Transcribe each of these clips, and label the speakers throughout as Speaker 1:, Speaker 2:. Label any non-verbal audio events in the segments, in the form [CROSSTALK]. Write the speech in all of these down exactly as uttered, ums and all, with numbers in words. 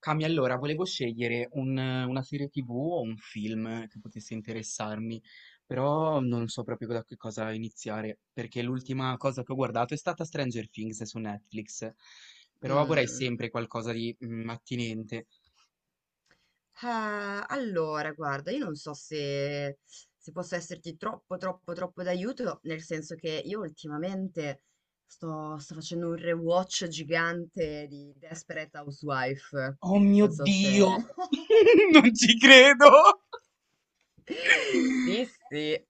Speaker 1: Cami, allora, volevo scegliere un- una serie T V o un film che potesse interessarmi, però non so proprio da che cosa iniziare, perché l'ultima cosa che ho guardato è stata Stranger Things su Netflix, però vorrei
Speaker 2: Mm.
Speaker 1: sempre qualcosa di mm, attinente.
Speaker 2: Eh, allora, guarda, io non so se, se posso esserti troppo, troppo, troppo d'aiuto, nel senso che io ultimamente sto, sto facendo un rewatch gigante di Desperate Housewife.
Speaker 1: Oh mio
Speaker 2: Non so se.
Speaker 1: Dio!
Speaker 2: [LAUGHS]
Speaker 1: [LAUGHS] Non ci credo!
Speaker 2: Sì,
Speaker 1: [LAUGHS]
Speaker 2: sì.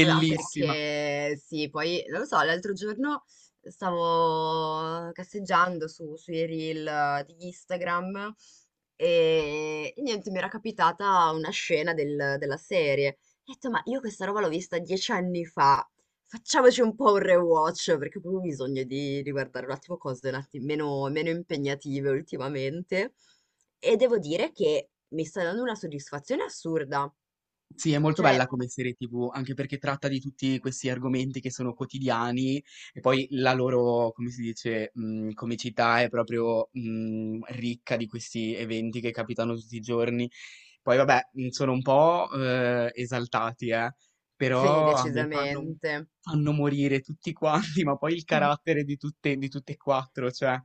Speaker 2: Ah, perché sì, poi non lo so, l'altro giorno stavo casseggiando su- sui reel eh, di Instagram e, e niente, mi era capitata una scena del- della serie. Ho detto, ma io questa roba l'ho vista dieci anni fa, facciamoci un po' un rewatch perché ho proprio bisogno di, di guardare un attimo cose un attimo meno, meno impegnative ultimamente. E devo dire che mi sta dando una soddisfazione assurda.
Speaker 1: Sì, è molto
Speaker 2: Cioè,
Speaker 1: bella come serie T V, anche perché tratta di tutti questi argomenti che sono quotidiani e poi la loro, come si dice, mh, comicità è proprio mh, ricca di questi eventi che capitano tutti i giorni. Poi vabbè, mh, sono un po' eh, esaltati, eh,
Speaker 2: sì,
Speaker 1: però a me fanno,
Speaker 2: decisamente.
Speaker 1: fanno morire tutti quanti, [LAUGHS] ma poi il
Speaker 2: [LAUGHS]
Speaker 1: carattere di tutte, di tutte e quattro, cioè.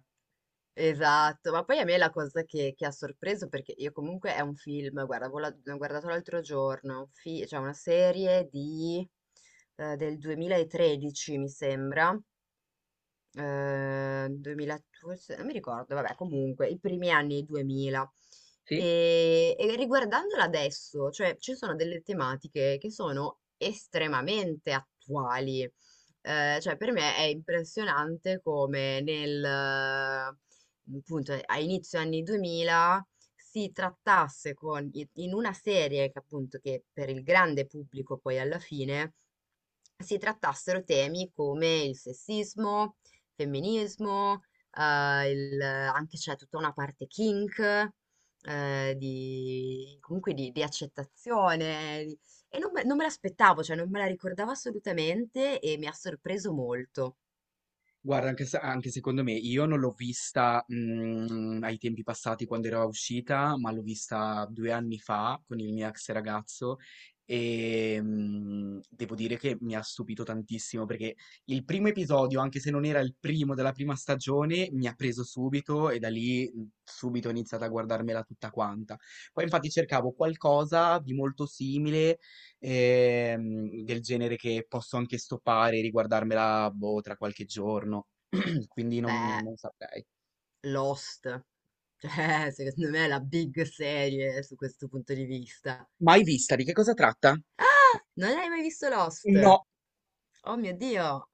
Speaker 2: Esatto, ma poi a me la cosa che, che ha sorpreso, perché io comunque è un film, guarda, avevo la- l'ho guardato l'altro giorno, un fi- cioè una serie di, eh, del duemilatredici, mi sembra, eh, duemiladodici, non mi ricordo, vabbè, comunque, i primi anni duemila. E, e riguardandola adesso, cioè, ci sono delle tematiche che sono estremamente attuali. Eh, cioè, per me è impressionante come nel, eh, appunto, a inizio anni duemila si trattasse con, in una serie che appunto che per il grande pubblico poi alla fine si trattassero temi come il sessismo, femminismo, eh, il- anche c'è tutta una parte kink, eh, di, comunque di, di accettazione. di- E non me, non me l'aspettavo, cioè non me la ricordavo assolutamente e mi ha sorpreso molto.
Speaker 1: Guarda, anche se anche secondo me, io non l'ho vista, mhmm, ai tempi passati quando era uscita, ma l'ho vista due anni fa con il mio ex ragazzo, ehm, devo dire che mi ha stupito tantissimo perché il primo episodio, anche se non era il primo della prima stagione, mi ha preso subito e da lì, mhmm, subito ho iniziato a guardarmela tutta quanta. Poi infatti cercavo qualcosa di molto simile, ehm, del genere che posso anche stoppare e riguardarmela, boh, tra qualche giorno. [CLEARS THROAT] Quindi non,
Speaker 2: Beh,
Speaker 1: non saprei.
Speaker 2: Lost, cioè [LAUGHS] secondo me è la big serie su questo punto di vista.
Speaker 1: Mai vista, di che cosa tratta?
Speaker 2: Ah, non hai mai visto Lost?
Speaker 1: No.
Speaker 2: Oh mio Dio!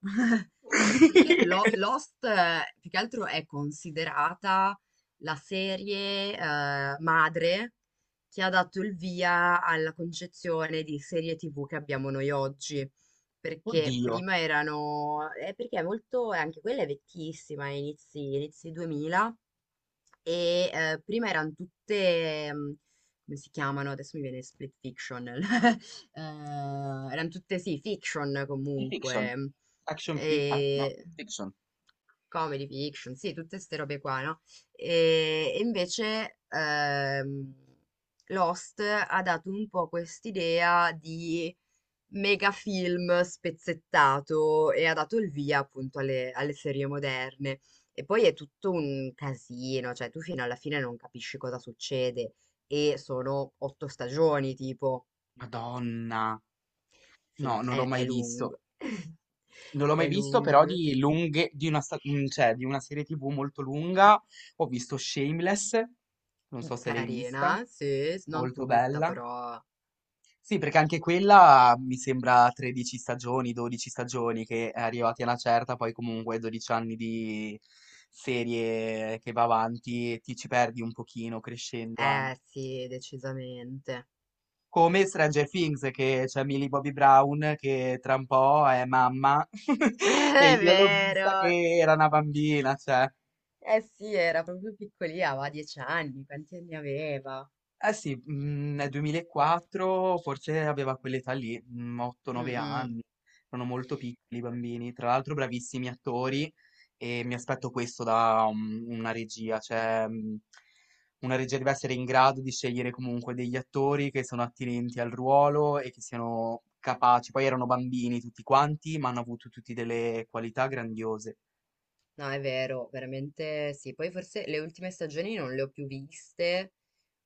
Speaker 2: Anche perché Lo-
Speaker 1: [LAUGHS]
Speaker 2: Lost, eh, più che altro, è considerata la serie, eh, madre che ha dato il via alla concezione di serie T V che abbiamo noi oggi. Perché
Speaker 1: Oddio.
Speaker 2: prima erano... eh, perché è molto... eh, Anche quella è vecchissima, è inizi, inizi duemila, e eh, prima erano tutte... mm, come si chiamano? Adesso mi viene split fiction. [LAUGHS] Eh, erano tutte, sì, fiction
Speaker 1: Fiction.
Speaker 2: comunque.
Speaker 1: Action fic... ah, no,
Speaker 2: E
Speaker 1: fiction.
Speaker 2: comedy fiction, sì, tutte queste robe qua, no? E, e invece ehm, Lost ha dato un po' quest'idea di mega film spezzettato e ha dato il via appunto alle, alle serie moderne. E poi è tutto un casino, cioè tu fino alla fine non capisci cosa succede e sono otto stagioni, tipo.
Speaker 1: Madonna.
Speaker 2: Sì,
Speaker 1: No,
Speaker 2: no,
Speaker 1: non l'ho
Speaker 2: è, è
Speaker 1: mai visto.
Speaker 2: lungo. [LAUGHS]
Speaker 1: Non l'ho mai
Speaker 2: È
Speaker 1: visto, però
Speaker 2: lungo.
Speaker 1: di lunghe, di una, sta- mm, cioè, di una serie T V molto lunga. Ho visto Shameless, non so se l'hai vista,
Speaker 2: Carina, sì, s- non
Speaker 1: molto
Speaker 2: tutta,
Speaker 1: bella.
Speaker 2: però.
Speaker 1: Sì, perché anche quella mi sembra tredici stagioni, dodici stagioni, che è arrivati a una certa, poi comunque dodici anni di serie che va avanti e ti ci perdi un pochino crescendo anche.
Speaker 2: Eh sì, decisamente.
Speaker 1: Come Stranger Things, che c'è Millie Bobby Brown, che tra un po' è mamma,
Speaker 2: [LAUGHS]
Speaker 1: [LAUGHS] e
Speaker 2: È
Speaker 1: io l'ho vista
Speaker 2: vero.
Speaker 1: che era una bambina, cioè.
Speaker 2: Eh sì, era proprio piccolina, aveva dieci anni, quanti anni aveva?
Speaker 1: Eh sì, mm, nel duemilaquattro forse aveva quell'età lì,
Speaker 2: Mm,
Speaker 1: otto nove
Speaker 2: mm.
Speaker 1: anni, erano molto piccoli i bambini, tra l'altro bravissimi attori e mi aspetto questo da um, una regia, cioè mm, una regia deve essere in grado di scegliere comunque degli attori che sono attinenti al ruolo e che siano capaci, poi erano bambini tutti quanti, ma hanno avuto tutti delle qualità grandiose.
Speaker 2: No, è vero, veramente sì. Poi forse le ultime stagioni non le ho più viste,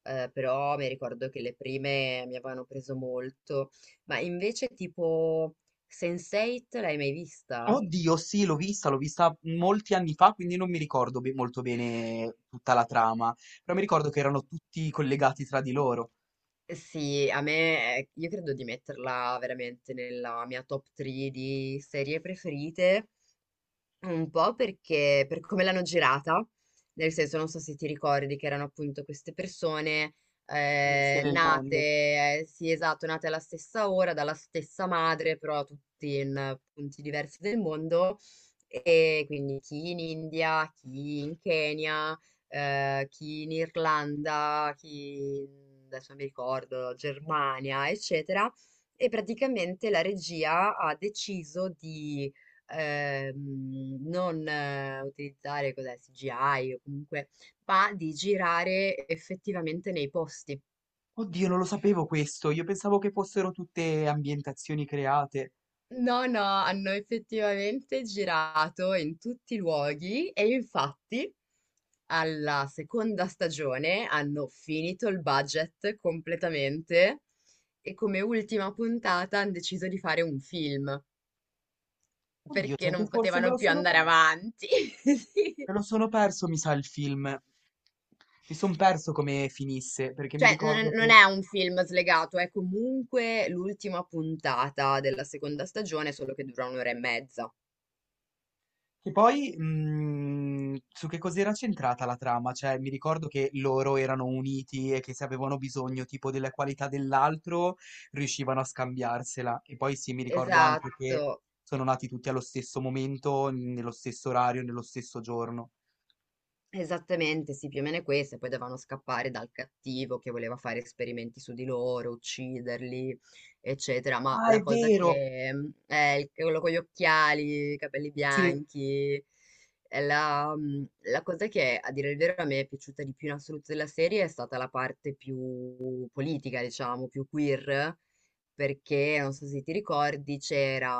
Speaker 2: eh, però mi ricordo che le prime mi avevano preso molto. Ma invece tipo sense eight l'hai mai vista?
Speaker 1: Oddio, sì, l'ho vista, l'ho vista molti anni fa, quindi non mi ricordo be- molto bene tutta la trama, però mi ricordo che erano tutti collegati tra di loro.
Speaker 2: Eh sì, a me, eh, io credo di metterla veramente nella mia top tre di serie preferite. Un po' perché per come l'hanno girata, nel senso non so se ti ricordi che erano appunto queste persone
Speaker 1: Miste
Speaker 2: eh,
Speaker 1: nel
Speaker 2: nate,
Speaker 1: mondo.
Speaker 2: eh, sì esatto, nate alla stessa ora, dalla stessa madre, però tutti in eh, punti diversi del mondo, e quindi chi in India, chi in Kenya, eh, chi in Irlanda, chi in- adesso non mi ricordo, Germania, eccetera, e praticamente la regia ha deciso di ehm, non eh, utilizzare cos'è, C G I o comunque, ma di girare effettivamente nei posti.
Speaker 1: Oddio, non lo sapevo questo, io pensavo che fossero tutte ambientazioni create.
Speaker 2: No, no, hanno effettivamente girato in tutti i luoghi e infatti alla seconda stagione hanno finito il budget completamente e come ultima puntata hanno deciso di fare un film
Speaker 1: Oddio,
Speaker 2: perché
Speaker 1: sai che
Speaker 2: non
Speaker 1: forse me
Speaker 2: potevano
Speaker 1: lo
Speaker 2: più
Speaker 1: sono
Speaker 2: andare
Speaker 1: perso.
Speaker 2: avanti. [LAUGHS]
Speaker 1: Me lo sono perso, mi sa, il film. Mi sono perso come finisse, perché mi
Speaker 2: Cioè, non
Speaker 1: ricordo
Speaker 2: non
Speaker 1: che...
Speaker 2: è un film slegato, è comunque l'ultima puntata della seconda stagione, solo che dura un'ora e mezza.
Speaker 1: Che poi, mh, su che cos'era centrata la trama? Cioè, mi ricordo che loro erano uniti e che se avevano bisogno tipo della qualità dell'altro, riuscivano a scambiarsela. E poi sì, mi ricordo anche che
Speaker 2: Esatto.
Speaker 1: sono nati tutti allo stesso momento, nello stesso orario, nello stesso giorno.
Speaker 2: Esattamente, sì, più o meno è questo, e poi dovevano scappare dal cattivo che voleva fare esperimenti su di loro, ucciderli, eccetera. Ma
Speaker 1: Ah, è
Speaker 2: la cosa
Speaker 1: vero!
Speaker 2: che mm, è il- quello con gli occhiali, i capelli
Speaker 1: Sì,
Speaker 2: bianchi, è la, mm, la cosa che a dire il vero a me è piaciuta di più in assoluto della serie è stata la parte più politica, diciamo, più queer, perché non so se ti ricordi, c'era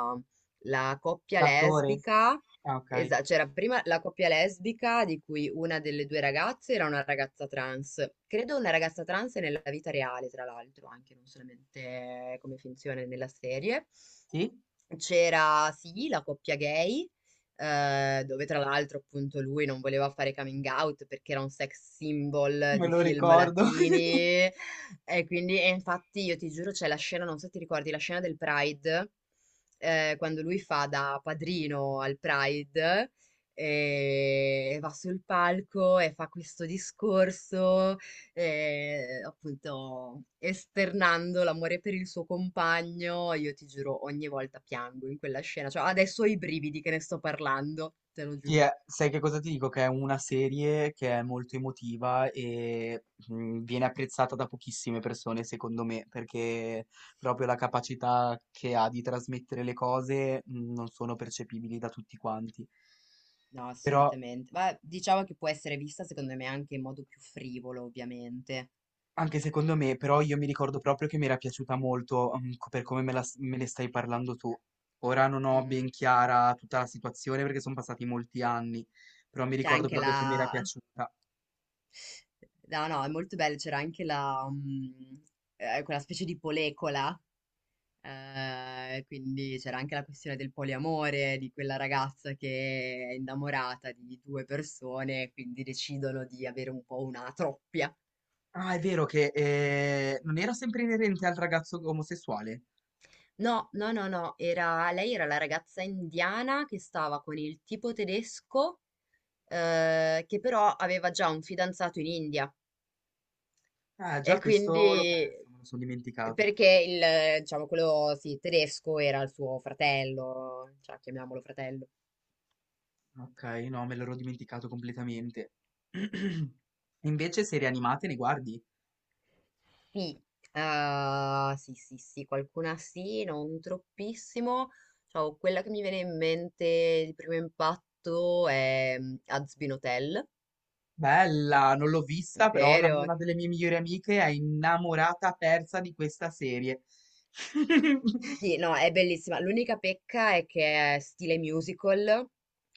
Speaker 2: la coppia
Speaker 1: l'attore.
Speaker 2: lesbica.
Speaker 1: Ah, ok.
Speaker 2: Esatto, c'era prima la coppia lesbica di cui una delle due ragazze era una ragazza trans. Credo una ragazza trans nella vita reale, tra l'altro, anche non solamente come finzione nella serie.
Speaker 1: Sì,
Speaker 2: C'era, sì, la coppia gay, eh, dove tra l'altro appunto lui non voleva fare coming out perché era un sex symbol
Speaker 1: me
Speaker 2: di
Speaker 1: lo
Speaker 2: film
Speaker 1: ricordo. [LAUGHS]
Speaker 2: latini e quindi, e infatti io ti giuro c'è la scena, non so se ti ricordi, la scena del Pride, eh, quando lui fa da padrino al Pride e e va sul palco e fa questo discorso e, appunto, esternando l'amore per il suo compagno, io ti giuro, ogni volta piango in quella scena. Cioè, adesso ho i brividi che ne sto parlando, te lo
Speaker 1: Sì, è-
Speaker 2: giuro.
Speaker 1: sai che cosa ti dico? Che è una serie che è molto emotiva e mm, viene apprezzata da pochissime persone, secondo me, perché proprio la capacità che ha di trasmettere le cose mm, non sono percepibili da tutti quanti.
Speaker 2: No,
Speaker 1: Però,
Speaker 2: assolutamente. Ma diciamo che può essere vista, secondo me, anche in modo più frivolo, ovviamente.
Speaker 1: anche secondo me, però io mi ricordo proprio che mi era piaciuta molto, mm, co- per come me la s- me ne stai parlando tu. Ora non
Speaker 2: Mm,
Speaker 1: ho
Speaker 2: mm.
Speaker 1: ben chiara tutta la situazione perché sono passati molti anni, però mi
Speaker 2: C'è
Speaker 1: ricordo
Speaker 2: anche
Speaker 1: proprio che mi era
Speaker 2: la.
Speaker 1: piaciuta.
Speaker 2: No, no, è molto bello. C'era anche la... mm, eh, quella specie di polecola. Eh, quindi c'era anche la questione del poliamore, di quella ragazza che è innamorata di due persone, quindi decidono di avere un po' una troppia.
Speaker 1: Ah, è vero che eh, non era sempre inerente al ragazzo omosessuale.
Speaker 2: No, no, no, no, era, lei era la ragazza indiana che stava con il tipo tedesco, eh, che però aveva già un fidanzato in India.
Speaker 1: Ah,
Speaker 2: E
Speaker 1: già
Speaker 2: quindi,
Speaker 1: questo l'ho perso, me lo sono dimenticato.
Speaker 2: perché il, diciamo, quello, sì, tedesco era il suo fratello, cioè, chiamiamolo fratello.
Speaker 1: Ok, no, me l'ero dimenticato completamente. [CLEARS THROAT] Invece, serie animate ne guardi?
Speaker 2: Sì, eh, sì, sì, sì, qualcuna sì, non troppissimo. Cioè, quella che mi viene in mente di primo impatto è mm, Hazbin Hotel,
Speaker 1: Bella, non l'ho vista, però la-
Speaker 2: vero?
Speaker 1: una delle mie migliori amiche è innamorata persa di questa serie. [LAUGHS]
Speaker 2: Sì, no, è bellissima. L'unica pecca è che è stile musical,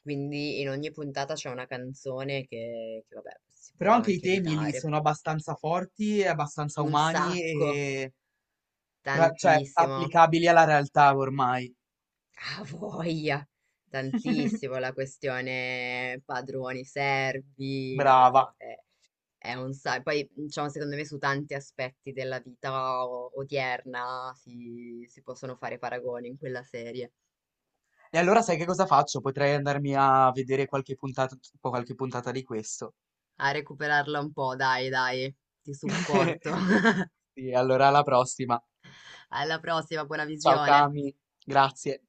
Speaker 2: quindi in ogni puntata c'è una canzone che, che, vabbè, si
Speaker 1: Però
Speaker 2: poteva
Speaker 1: anche i
Speaker 2: anche
Speaker 1: temi lì
Speaker 2: evitare.
Speaker 1: sono abbastanza forti, e abbastanza
Speaker 2: Un
Speaker 1: umani
Speaker 2: sacco,
Speaker 1: e tra- cioè
Speaker 2: tantissimo.
Speaker 1: applicabili alla realtà ormai.
Speaker 2: Ah, voglia!
Speaker 1: [LAUGHS]
Speaker 2: Tantissimo la questione padroni, servi, no,
Speaker 1: Brava.
Speaker 2: no, è, è un sacco. Poi, diciamo, secondo me su tanti aspetti della vita o- odierna si, si possono fare paragoni in quella serie.
Speaker 1: E allora sai che cosa faccio? Potrei andarmi a vedere qualche puntata, qualche puntata di questo.
Speaker 2: A recuperarla un po', dai, dai, ti
Speaker 1: [LAUGHS]
Speaker 2: supporto. [LAUGHS]
Speaker 1: Sì, allora alla prossima.
Speaker 2: Alla prossima, buona
Speaker 1: Ciao
Speaker 2: visione.
Speaker 1: Cami, grazie.